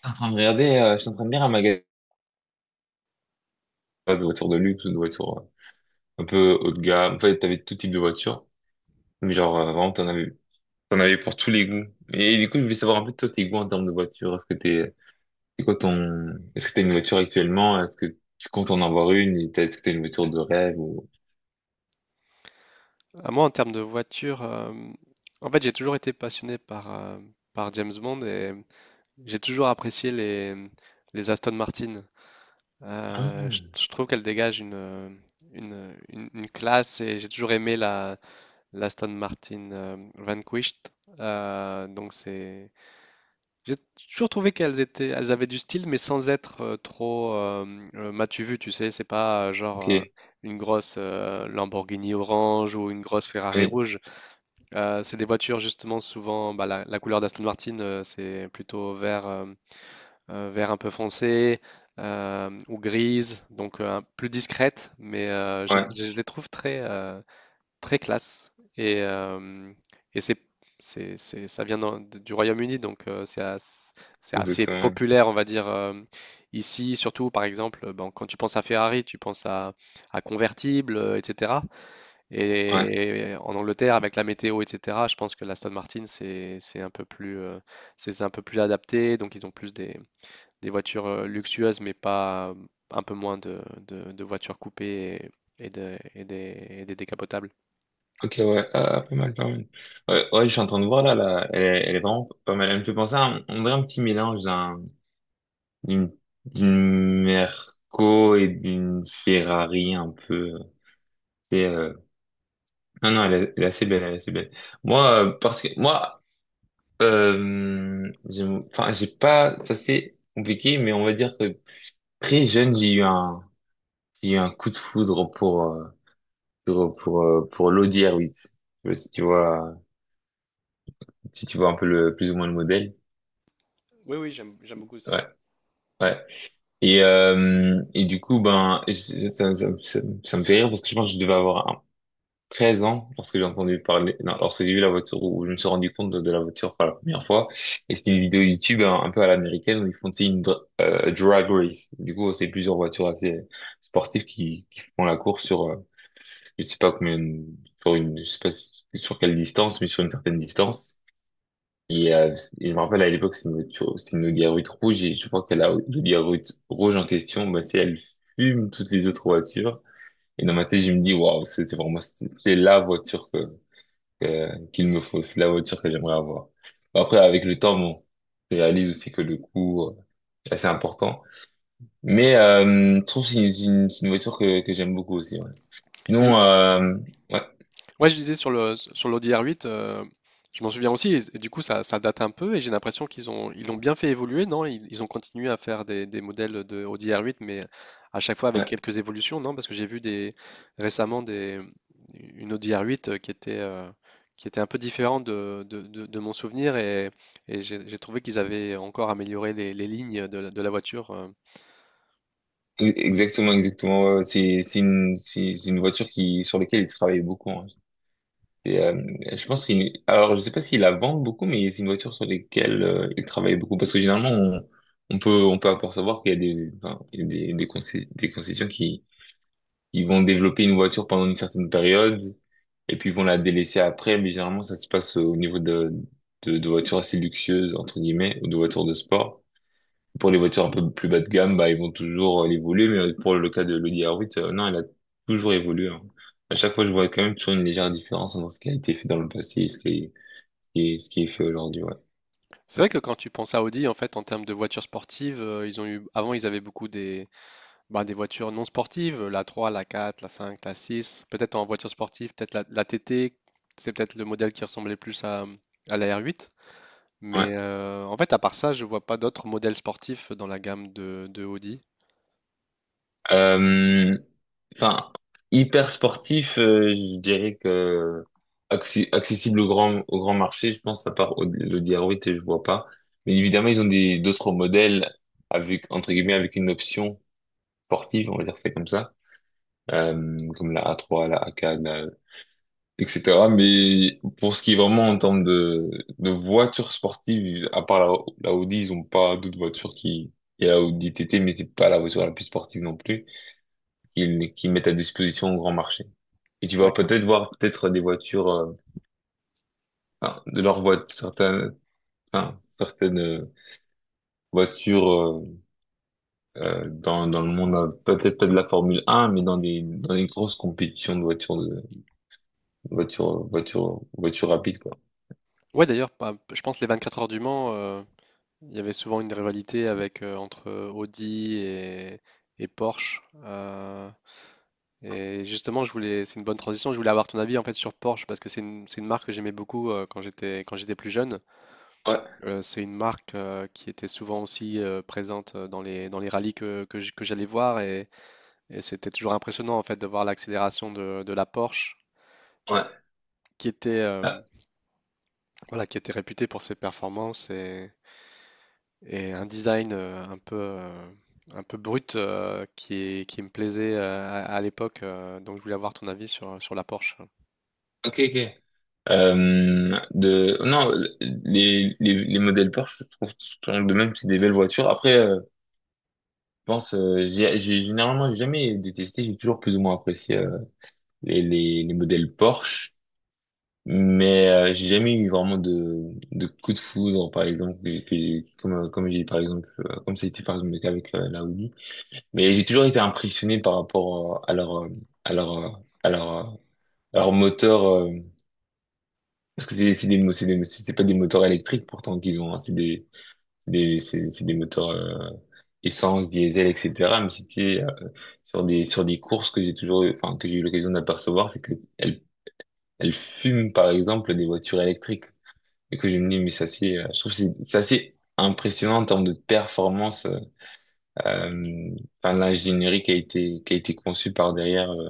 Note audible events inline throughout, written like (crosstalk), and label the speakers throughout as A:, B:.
A: T'es en train de regarder, je suis en train de lire un magasin de voitures de luxe ou de voitures un peu haut de gamme. En fait, t'avais tout type de voiture. Mais genre, vraiment, t'en avais pour tous les goûts. Et, du coup, je voulais savoir un peu toi, tes goûts en termes de voiture. C'est est-ce que t'as une voiture actuellement? Est-ce que tu comptes en avoir une? Est-ce que t'as une voiture de rêve ou...
B: Ah, moi, en termes de voiture, en fait, j'ai toujours été passionné par James Bond et j'ai toujours apprécié les Aston Martin. Euh, je,
A: Ah,
B: je trouve qu'elles dégagent une classe et j'ai toujours aimé la l'Aston Martin Vanquished. Donc j'ai toujours trouvé qu'elles étaient, elles avaient du style, mais sans être trop m'as-tu vu, tu sais, c'est pas genre
A: ok.
B: une grosse Lamborghini orange ou une grosse Ferrari
A: Oui.
B: rouge. C'est des voitures justement souvent, bah, la couleur d'Aston Martin, c'est plutôt vert un peu foncé ou grise, donc plus discrète, mais
A: Ouais,
B: les trouve très, très classe. Et, euh, et ça vient du Royaume-Uni, donc c'est assez
A: exactement.
B: populaire, on va dire, ici. Surtout par exemple, bon, quand tu penses à Ferrari, tu penses à convertible, etc.
A: Ouais.
B: Et en Angleterre, avec la météo, etc., je pense que l'Aston Martin, c'est un peu plus adapté. Donc, ils ont plus des voitures luxueuses, mais pas un peu moins de voitures coupées et des décapotables.
A: Ok, ouais. Ah, ah, pas mal, pas mal. Ouais, ouais, je suis en train de voir là. Elle est vraiment pas mal. Elle me fait penser à on dirait un petit mélange d'une d'une Merco et d'une Ferrari un peu. Et, non, non, elle est assez belle, elle est assez belle. Moi, parce que moi, euh, j'ai- enfin, j'ai pas, ça c'est compliqué, mais on va dire que très jeune, j'ai eu un coup de foudre pour, pour l'Audi R8. Je sais pas si tu si tu vois un peu le, plus ou moins le modèle.
B: Oui, oui, j'aime beaucoup aussi. Oui.
A: Ouais, ouais. Et du coup, ben, ça me fait rire parce que je pense que je devais avoir 13 ans lorsque j'ai entendu parler, non, lorsque j'ai vu la voiture, où je me suis rendu compte de la voiture pour la première fois. Et c'était une vidéo YouTube un peu à l'américaine où ils font tu sais, drag race. Du coup, c'est plusieurs voitures assez sportives qui font la course sur, je sais pas combien, sur je sais pas si- sur quelle distance, mais sur une certaine distance. Et, euh, et je me rappelle à l'époque, c'est une Audi A8 rouge et je crois que la Audi A8 rouge en question, bah, c'est elle fume toutes les autres voitures. Et dans ma tête, je me dis, waouh, c'est vraiment, c'est la voiture que qu'il me faut. C'est la voiture que j'aimerais avoir. Après, avec le temps, bon, je réalise aussi que le coût, c'est assez important. Mais je trouve que c'est une voiture que j'aime beaucoup aussi. Ouais.
B: Et
A: Sinon, ouais,
B: Ouais, je disais sur le sur l'audi, l'ODR8. Je m'en souviens aussi, et du coup ça date un peu, et j'ai l'impression qu'ils ont ils l'ont bien fait évoluer, non? Ils ont continué à faire des modèles de audi r 8, mais à chaque fois avec
A: ouais,
B: quelques évolutions, non? Parce que j'ai vu des récemment des une audi ODR8 qui était un peu différente de mon souvenir, et j'ai trouvé qu'ils avaient encore amélioré les lignes de la voiture.
A: exactement, exactement. Ouais, ouais, c'est c'est une voiture qui sur laquelle il travaille beaucoup, hein. Et, je pense qu'il, alors je sais pas s'il la vend beaucoup, mais c'est une voiture sur laquelle il travaille beaucoup parce que généralement on peut encore savoir qu'il y a des enfin, il y a des concessions qui ils vont développer une voiture pendant une certaine période et puis ils vont la délaisser après. Mais généralement, ça se passe au niveau de voitures assez luxueuses, entre guillemets, ou de voitures de sport. Pour les voitures un peu plus bas de gamme, bah, ils vont toujours l'évoluer. Mais pour le cas de l'Audi R8, non, elle a toujours évolué, hein. À chaque fois, je vois quand même toujours une légère différence entre ce qui a été fait dans le passé et ce qui est fait aujourd'hui. Ouais.
B: C'est vrai que quand tu penses à Audi, en fait, en termes de voitures sportives, ils ont eu avant ils avaient beaucoup des bah, des voitures non sportives, la trois, la quatre, la cinq, la six, peut-être en voiture sportive, peut-être la TT, c'est peut-être le modèle qui ressemblait plus à la R8.
A: Ouais.
B: Mais en fait, à part ça, je vois pas d'autres modèles sportifs dans la gamme de Audi.
A: Euh, enfin, hyper sportif, je dirais que accessible au au grand marché, je pense, à part le Diaroit, je vois pas. Mais évidemment, ils ont des d'autres modèles avec, entre guillemets, avec une option sportive, on va dire c'est comme ça, comme la A3, la AK, la- etc. Mais pour ce qui est vraiment en termes de voitures sportives, à part la Audi, ils ont pas d'autres voitures qui... Il y a la Audi TT, mais c'est pas la voiture la plus sportive non plus qu'ils mettent à disposition au grand marché. Et tu vas
B: D'accord.
A: peut-être voir peut-être des voitures, enfin, de leurs voitures, certaines, enfin, certaines voitures dans, dans le monde, peut-être pas de la Formule 1, mais dans des grosses compétitions de voitures, voitures rapides, quoi.
B: Ouais, d'ailleurs, je pense les 24 heures du Mans, il y avait souvent une rivalité avec entre Audi et Porsche. Et justement, c'est une bonne transition. Je voulais avoir ton avis en fait sur Porsche parce que c'est une marque que j'aimais beaucoup quand j'étais plus jeune.
A: Ouais,
B: C'est une marque qui était souvent aussi présente dans dans les rallyes que j'allais voir, et c'était toujours impressionnant en fait de voir l'accélération de la Porsche
A: ouais.
B: qui était, euh,
A: Ah,
B: voilà, qui était réputée pour ses performances et un design un peu brut qui me plaisait à l'époque. Donc je voulais avoir ton avis sur la Porsche.
A: ok, ok. Non, les modèles Porsche, je trouve, sont de même, c'est des belles voitures. Après, je pense, généralement j'ai jamais détesté, j'ai toujours plus ou moins apprécié les modèles Porsche, mais j'ai jamais eu vraiment de coup de foudre, par exemple, comme, comme j'ai par exemple, comme c'était par exemple le cas avec la Audi. Mais j'ai toujours été impressionné par rapport à leur, à leur, à leur, leur moteur, parce que c'est des, mo- c'est des, c'est pas des moteurs électriques pourtant qu'ils ont, hein, c'est c'est des moteurs essence, diesel, etc. Mais c'était sur des courses que j'ai enfin, que j'ai eu l'occasion d'apercevoir, c'est que elle fume par exemple des voitures électriques. Et que je me dis, mais ça c'est, je trouve que c'est assez impressionnant en termes de performance, euh, enfin l'ingénierie qui a été conçue par derrière.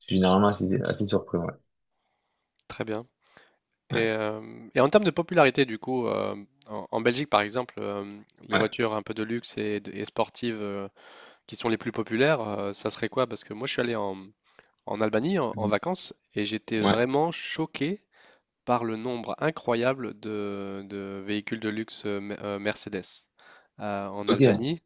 A: Je suis généralement assez, assez surpris. Ouais,
B: Très bien. Et,
A: ouais,
B: euh, et en termes de popularité, du coup, en Belgique par exemple, les
A: ouais,
B: voitures un peu de luxe et, et sportives, qui sont les plus populaires, ça serait quoi? Parce que moi, je suis allé en Albanie en
A: mhm,
B: vacances, et j'étais
A: ouais.
B: vraiment choqué par le nombre incroyable de véhicules de luxe Mercedes en
A: Ok.
B: Albanie.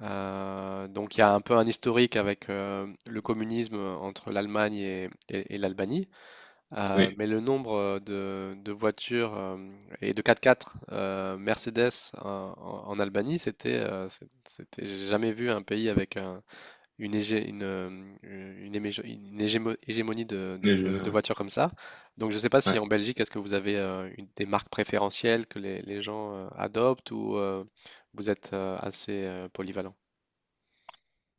B: Donc, il y a un peu un historique avec le communisme entre l'Allemagne et l'Albanie.
A: Oui,
B: Mais le nombre de voitures et de 4x4 Mercedes en Albanie, c'était... J'ai jamais vu un pays avec un une, hégé- une hémé- une hégémo- hégémonie
A: mais
B: de
A: je,
B: voitures comme ça. Donc je ne sais pas si
A: ouais.
B: en Belgique, est-ce que vous avez des marques préférentielles que les gens adoptent, ou vous êtes assez polyvalent?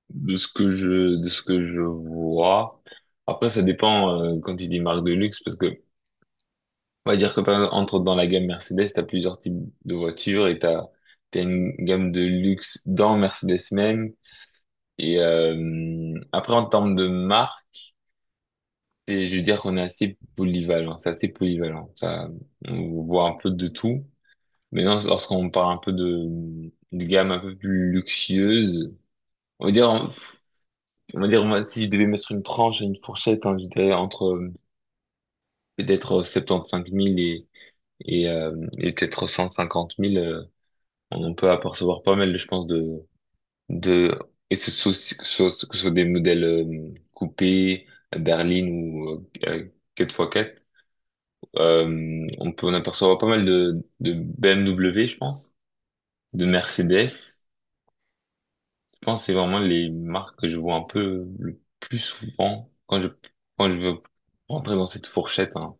A: De ce que je de ce que je vois. Après, ça dépend quand il dit marque de luxe parce que on va dire que par exemple, entre dans la gamme Mercedes, t'as plusieurs types de voitures et t'as une gamme de luxe dans Mercedes même. Et après, en termes de marque, je veux dire qu'on est assez polyvalent. C'est assez polyvalent. Ça, on voit un peu de tout. Maintenant, lorsqu'on parle un peu de gamme un peu plus luxueuse, on va moi, si je devais mettre une tranche, et une fourchette, hein, je dirais entre peut-être 75 000 et et peut-être 150 000. On peut apercevoir pas mal, je pense, de, et soit, que ce soit des modèles coupés, berline ou 4x4, on peut en apercevoir pas mal de BMW, je pense, de Mercedes. Je pense que c'est vraiment les marques que je vois un peu le plus souvent quand je veux rentrer dans cette fourchette, hein,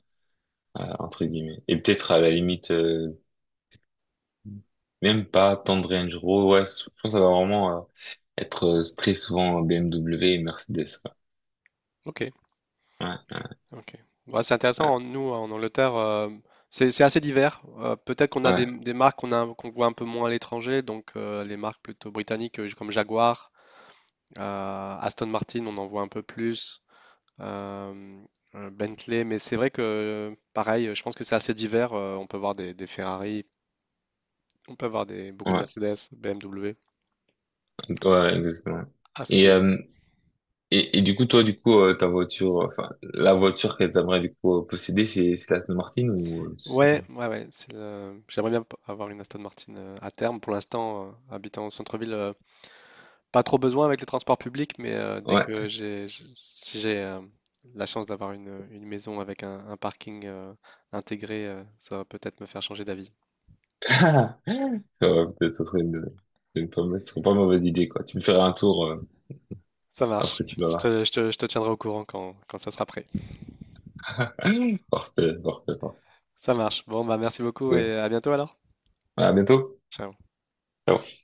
A: entre guillemets. Et peut-être à la limite même pas tendre Range Rover. Ouais, je pense que ça va vraiment être très souvent BMW et Mercedes, quoi.
B: Ok,
A: Ouais,
B: ok. Ouais, c'est intéressant.
A: ouais,
B: Nous, en Angleterre, c'est assez divers. Peut-être qu'on a
A: ouais,
B: des marques qu'on voit un peu moins à l'étranger, donc les marques plutôt britanniques, comme Jaguar, Aston Martin, on en voit un peu plus. Euh, Bentley. Mais c'est vrai que, pareil, je pense que c'est assez divers. On peut voir des Ferrari, on peut voir beaucoup de
A: ouais,
B: Mercedes, BMW.
A: ouais, exactement. Et,
B: Assez.
A: et du coup, toi, du coup, ta voiture, enfin, la voiture qu'elle t'aimerait du coup posséder, c'est la Aston Martin ou...
B: Ouais, ouais, ouais. J'aimerais bien avoir une Aston Martin à terme. Pour l'instant, habitant au centre-ville, pas trop besoin avec les transports publics, mais dès
A: Ouais.
B: que j'ai, j- si j'ai la chance d'avoir une maison avec un parking intégré, ça va peut-être me faire changer d'avis.
A: (laughs) Ça va peut-être être une pas mauvaise idée, quoi. Tu me feras un tour
B: Ça marche.
A: lorsque tu vas
B: Je te tiendrai au courant quand ça sera prêt.
A: là. (laughs) Parfait, parfait, parfait.
B: Ça marche. Bon, bah merci beaucoup
A: Ouais.
B: et à bientôt alors.
A: À bientôt.
B: Ciao.
A: Ciao.